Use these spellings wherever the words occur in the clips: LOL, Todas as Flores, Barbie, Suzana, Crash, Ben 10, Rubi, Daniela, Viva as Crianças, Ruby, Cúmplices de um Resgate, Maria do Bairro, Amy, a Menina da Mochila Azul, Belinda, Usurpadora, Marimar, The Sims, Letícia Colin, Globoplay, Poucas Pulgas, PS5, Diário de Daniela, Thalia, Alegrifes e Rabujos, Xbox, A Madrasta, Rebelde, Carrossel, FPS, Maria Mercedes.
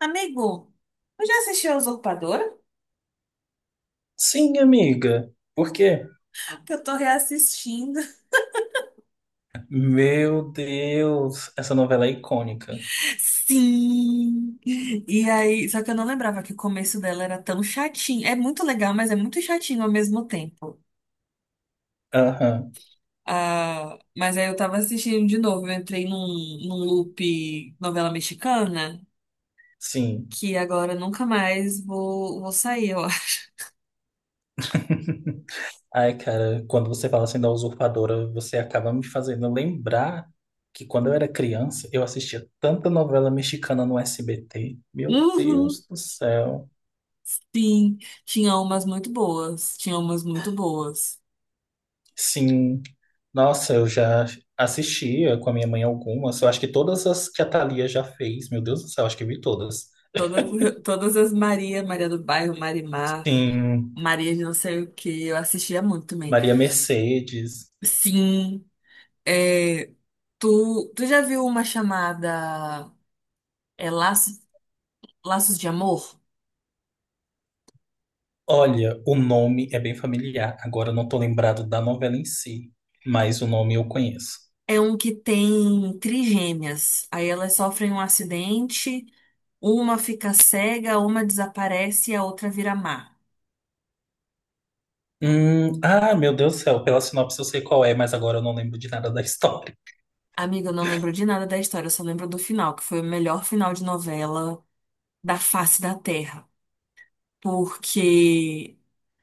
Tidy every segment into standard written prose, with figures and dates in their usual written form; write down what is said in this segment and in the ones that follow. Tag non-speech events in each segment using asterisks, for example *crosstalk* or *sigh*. Amigo, eu já assisti a Usurpadora? Sim, amiga. Por quê? Que eu tô reassistindo. Meu Deus, essa novela é icônica. Sim! E aí, só que eu não lembrava que o começo dela era tão chatinho. É muito legal, mas é muito chatinho ao mesmo tempo. Aham, Ah, mas aí eu tava assistindo de novo, eu entrei num loop novela mexicana, sim. que agora nunca mais vou sair, eu *laughs* Ai, cara, quando você fala assim da Usurpadora, você acaba me fazendo lembrar que quando eu era criança, eu assistia tanta novela mexicana no SBT. Meu Uhum, Deus do céu. sim, tinha umas muito boas, tinha umas muito boas. Sim. Nossa, eu já assistia com a minha mãe algumas. Eu acho que todas as que a Thalia já fez, meu Deus do céu, acho que eu vi todas. Todas, todas as Maria, Maria do Bairro, Marimar. Sim, Maria de não sei o que, eu assistia muito também. Maria Mercedes. Sim, é, tu já viu uma chamada é, Laços, Laços de Amor? Olha, o nome é bem familiar. Agora eu não tô lembrado da novela em si, mas o nome eu conheço. É um que tem trigêmeas. Aí elas sofrem um acidente, uma fica cega, uma desaparece e a outra vira má. Ah, meu Deus do céu, pela sinopse eu sei qual é, mas agora eu não lembro de nada da história. Amiga, eu não lembro de nada da história, eu só lembro do final, que foi o melhor final de novela da face da Terra. Porque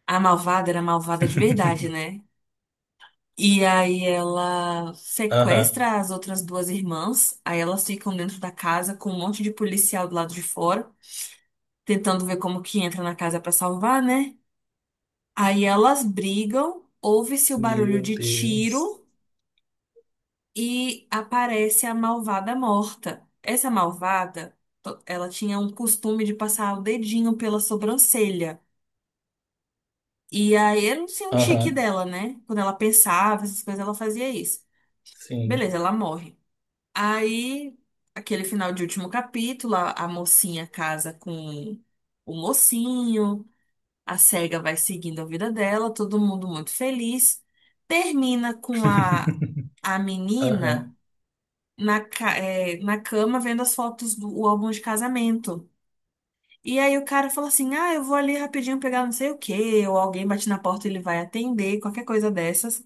a malvada era malvada de verdade, *laughs* né? E aí ela Aham. sequestra as outras duas irmãs, aí elas ficam dentro da casa com um monte de policial do lado de fora, tentando ver como que entra na casa pra salvar, né? Aí elas brigam, ouve-se o barulho Meu de Deus. tiro e aparece a malvada morta. Essa malvada, ela tinha um costume de passar o dedinho pela sobrancelha. E aí era um tique Aham. dela, né? Quando ela pensava, essas coisas, ela fazia isso. Beleza, Sim. ela morre. Aí, aquele final de último capítulo, a mocinha casa com o mocinho, a cega vai seguindo a vida dela, todo mundo muito feliz. Termina com a, *laughs* a Aham. menina na cama vendo as fotos do o álbum de casamento. E aí o cara fala assim: "Ah, eu vou ali rapidinho pegar não sei o quê", ou alguém bate na porta e ele vai atender, qualquer coisa dessas.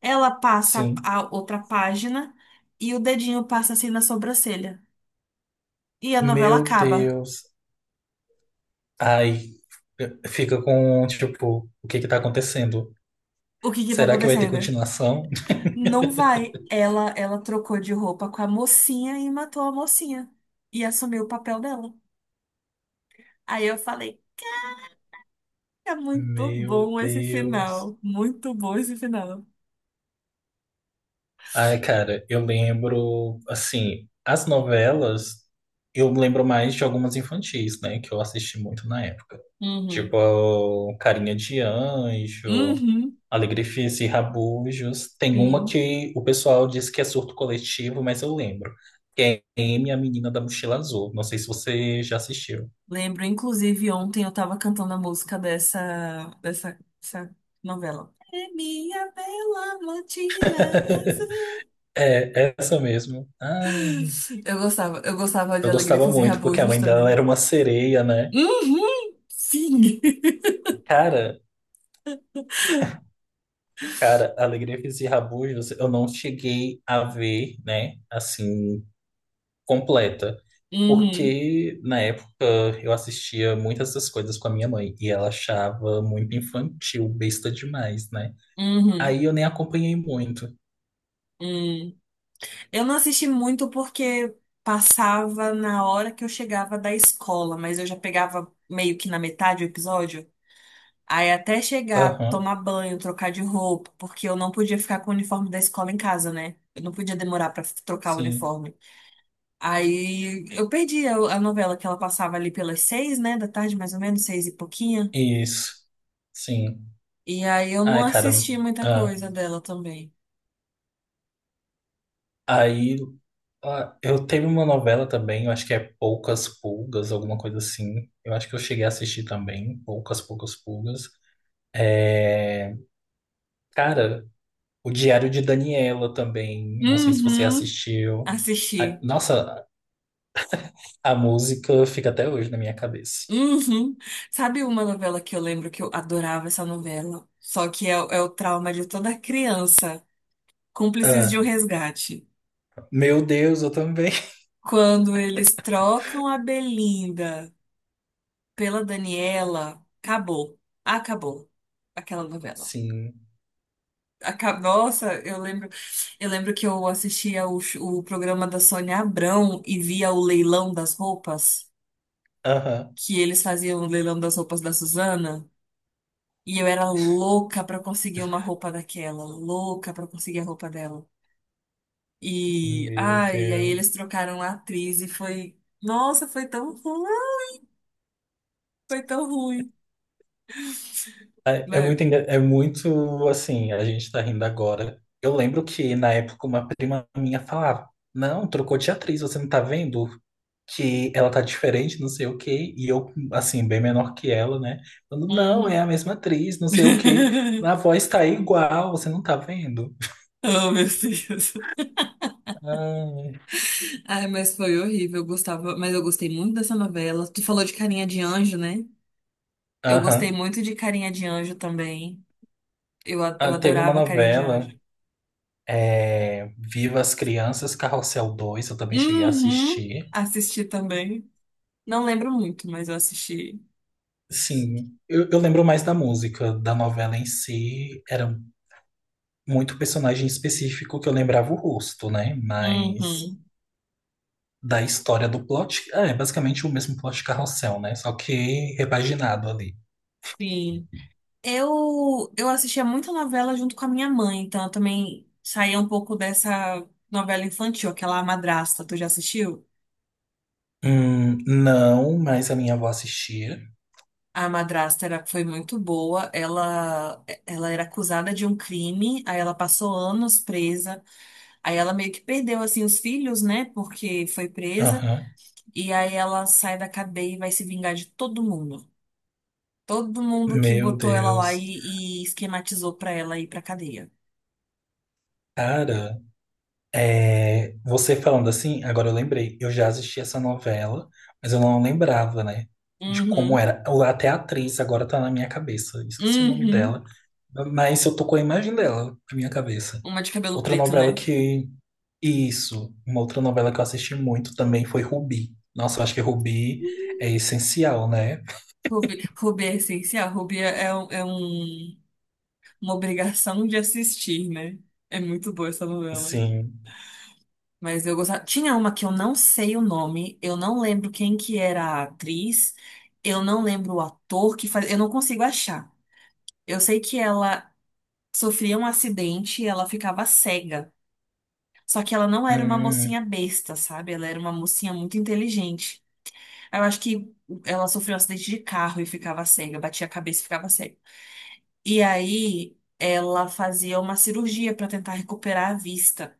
Ela passa Sim. a outra página e o dedinho passa assim na sobrancelha. E a novela Meu acaba. Deus. Ai, fica com, tipo, o que que tá acontecendo? O que que tá Será que vai ter acontecendo? continuação? *laughs* Não vai. Ela trocou de roupa com a mocinha e matou a mocinha. E assumiu o papel dela. Aí eu falei, é muito Meu bom esse Deus. final. Muito bom esse final. Ai, cara, eu lembro, assim, as novelas, eu lembro mais de algumas infantis, né, que eu assisti muito na época. Tipo, Uhum. o Carinha de Anjo, Uhum. Alegrifes e Rabujos. Tem uma Sim. que o pessoal diz que é surto coletivo, mas eu lembro. Que é Amy, a Menina da Mochila Azul. Não sei se você já assistiu. Lembro, inclusive, ontem eu tava cantando a música dessa novela. É minha bela mochila *laughs* azul. É, essa mesmo. Ai, Eu gostava de eu Alegria gostava e muito, porque a Rabujos mãe dela também. era uma sereia, né? Uhum, sim. *laughs* Cara, Cara, Alegria Física e Rabugos, eu não cheguei a ver, né, assim, completa. Uhum, Porque na época eu assistia muitas dessas coisas com a minha mãe e ela achava muito infantil, besta demais, né? uhum, Aí eu nem acompanhei muito. uhum. Eu não assisti muito porque passava na hora que eu chegava da escola, mas eu já pegava meio que na metade do episódio. Aí até chegar, Aham, tomar banho, trocar de roupa, porque eu não podia ficar com o uniforme da escola em casa, né? Eu não podia demorar pra trocar o sim. uniforme. Aí eu perdi a novela que ela passava ali pelas 6, né, da tarde, mais ou menos, 6 e pouquinho. Isso, sim. E aí eu não Ai, cara. assisti muita ah, coisa dela também. Aí eu teve uma novela também, eu acho que é Poucas Pulgas, alguma coisa assim. Eu acho que eu cheguei a assistir também, Poucas Pulgas. É, Cara, o Diário de Daniela também. Não sei se você Uhum. assistiu. Assisti. Nossa, a música fica até hoje na minha cabeça. Uhum. Sabe uma novela que eu lembro que eu adorava essa novela? Só que é o trauma de toda criança. Cúmplices de um Ah, Resgate. Meu Deus, eu também. *laughs* Quando eles trocam a Belinda pela Daniela, acabou. Acabou aquela novela. Sim. Nossa, eu lembro que eu assistia o programa da Sônia Abrão e via o leilão das roupas, Aham. que eles faziam o leilão das roupas da Suzana. E eu era louca pra conseguir uma roupa daquela, louca pra conseguir a roupa dela. E, Meu ai, e aí Deus. eles trocaram a atriz e foi, nossa, foi tão ruim, foi tão ruim. É Mas, muito, é muito assim, a gente tá rindo agora. Eu lembro que na época uma prima minha falava: Não, trocou de atriz, você não tá vendo? Que ela tá diferente, não sei o quê. E eu, assim, bem menor que ela, né? Falando: Não, é uhum. a mesma atriz, não sei o quê. *laughs* A voz tá igual, você não tá vendo? Oh, meu Deus. Ai, Ai, mas foi horrível, eu gostava, mas eu gostei muito dessa novela. Tu falou de Carinha de Anjo, né? Eu gostei Aham. muito de Carinha de Anjo também. Eu, a- Ah, eu teve uma adorava Carinha de novela, Anjo. é, Viva as Crianças, Carrossel dois eu também cheguei a Uhum, assistir. assisti também. Não lembro muito, mas eu assisti. Sim, eu lembro mais da música, da novela em si, era muito personagem específico que eu lembrava o rosto, né? Mas Uhum, da história do plot, ah, é basicamente o mesmo plot de Carrossel, né? Só que repaginado ali. sim. Eu assistia muita novela junto com a minha mãe, então eu também saía um pouco dessa novela infantil, aquela A Madrasta, tu já assistiu? Não, mas a minha avó assistia. A Madrasta era, foi muito boa, ela era acusada de um crime, aí ela passou anos presa, aí ela meio que perdeu, assim, os filhos, né, porque foi presa, Aham. e aí ela sai da cadeia e vai se vingar de todo mundo. Todo mundo que Meu botou ela lá e, Deus. e esquematizou pra ela ir pra cadeia. Cara, é, você falando assim, agora eu lembrei, eu já assisti essa novela, mas eu não lembrava, né, de como Uhum. era. Ou Até a atriz agora tá na minha cabeça, esqueci o nome dela, Uhum. mas eu tô com a imagem dela na minha cabeça. Uma de cabelo Outra preto, novela né? que. Isso, uma outra novela que eu assisti muito também foi Rubi. Nossa, eu acho que Rubi é Sim. essencial, né? Ruby, Ruby é essencial. Ruby é uma obrigação de assistir, né? É muito boa essa novela. Sim. Mas eu gostava. Tinha uma que eu não sei o nome, eu não lembro quem que era a atriz, eu não lembro o ator que faz. Eu não consigo achar. Eu sei que ela sofria um acidente e ela ficava cega. Só que ela não era uma Hum, mocinha besta, sabe? Ela era uma mocinha muito inteligente. Eu acho que ela sofreu um acidente de carro e ficava cega, batia a cabeça e ficava cega. E aí ela fazia uma cirurgia pra tentar recuperar a vista.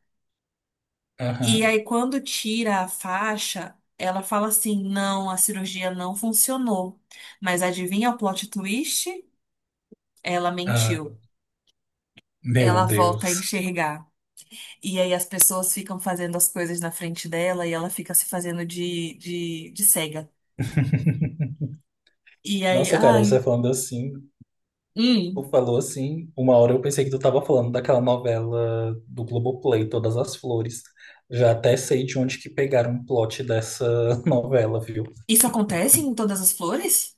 E aham, aí quando tira a faixa, ela fala assim: "Não, a cirurgia não funcionou". Mas adivinha o plot twist? Ela ah, mentiu. meu Ela volta a Deus. enxergar. E aí as pessoas ficam fazendo as coisas na frente dela e ela fica se fazendo de cega. *laughs* E aí, Nossa, cara, ai, você falando assim. Tu hum, falou assim, uma hora eu pensei que tu tava falando daquela novela do Globoplay, Todas as Flores. Já até sei de onde que pegaram o plot dessa *laughs* novela, viu? isso acontece em todas as flores?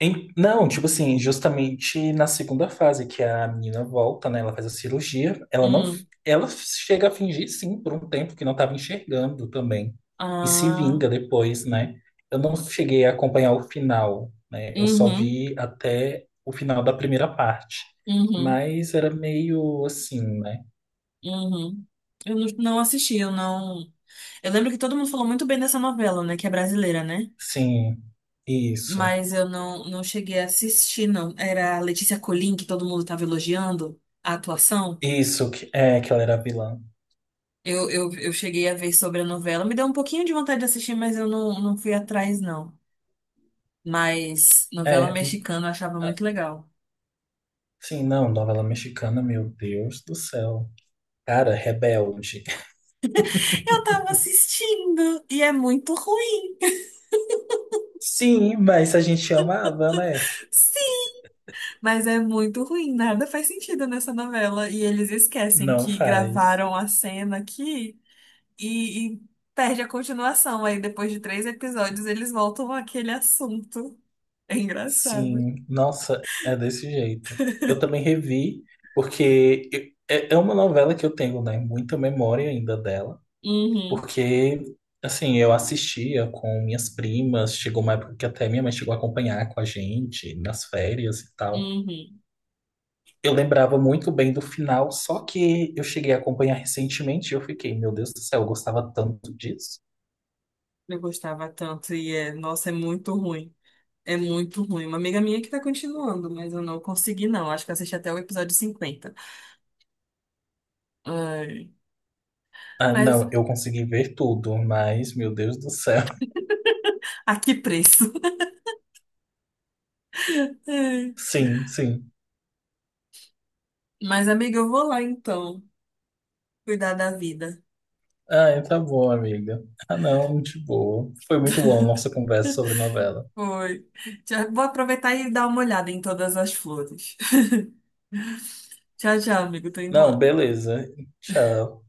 Não, tipo assim, justamente na segunda fase, que a menina volta, né? Ela faz a cirurgia, ela não. Hum, Ela chega a fingir, sim, por um tempo que não estava enxergando também. E se ah, vinga depois, né? Eu não cheguei a acompanhar o final, né? Eu só uhum, vi até o final da primeira parte. uhum, Mas era meio assim, né? uhum. Eu não assisti, eu não. Eu lembro que todo mundo falou muito bem dessa novela, né? Que é brasileira, né? Sim, isso. Mas eu não cheguei a assistir, não. Era a Letícia Colin, que todo mundo tava elogiando a atuação. Isso, que, é, que ela era vilã. Eu cheguei a ver sobre a novela. Me deu um pouquinho de vontade de assistir, mas eu não fui atrás, não. Mas novela É, mexicana eu achava muito legal. sim, não, novela mexicana, meu Deus do céu. Cara, Rebelde. Eu tava assistindo e é muito ruim. Sim, mas a gente amava, né? *laughs* Sim! Mas é muito ruim, nada faz sentido nessa novela. E eles esquecem Não que faz. gravaram a cena aqui e perde a continuação. Aí depois de 3 episódios eles voltam àquele assunto. É engraçado. Sim, nossa, é desse jeito. Eu também revi, porque eu- é uma novela que eu tenho, né? Muita memória ainda dela, Uhum, porque, assim, eu assistia com minhas primas, chegou uma época que até minha mãe chegou a acompanhar com a gente nas férias e tal. uhum. Eu lembrava muito bem do final, só que eu cheguei a acompanhar recentemente e eu fiquei, meu Deus do céu, eu gostava tanto disso. Eu gostava tanto e é, nossa, é muito ruim. É muito ruim. Uma amiga minha que tá continuando, mas eu não consegui, não. Acho que eu assisti até o episódio 50. Ai, Ah, mas não, eu consegui ver tudo, mas, meu Deus do céu. *laughs* a que preço? *laughs* Ai. Sim, sim. Mas, amiga, eu vou lá então, cuidar da vida. Ah, tá bom, amiga. Ah, não, de boa. Foi muito bom a nossa conversa sobre novela. Foi. Já vou aproveitar e dar uma olhada em todas as flores. *laughs* Tchau, tchau, amigo. Tô indo Não, lá. beleza. Tchau.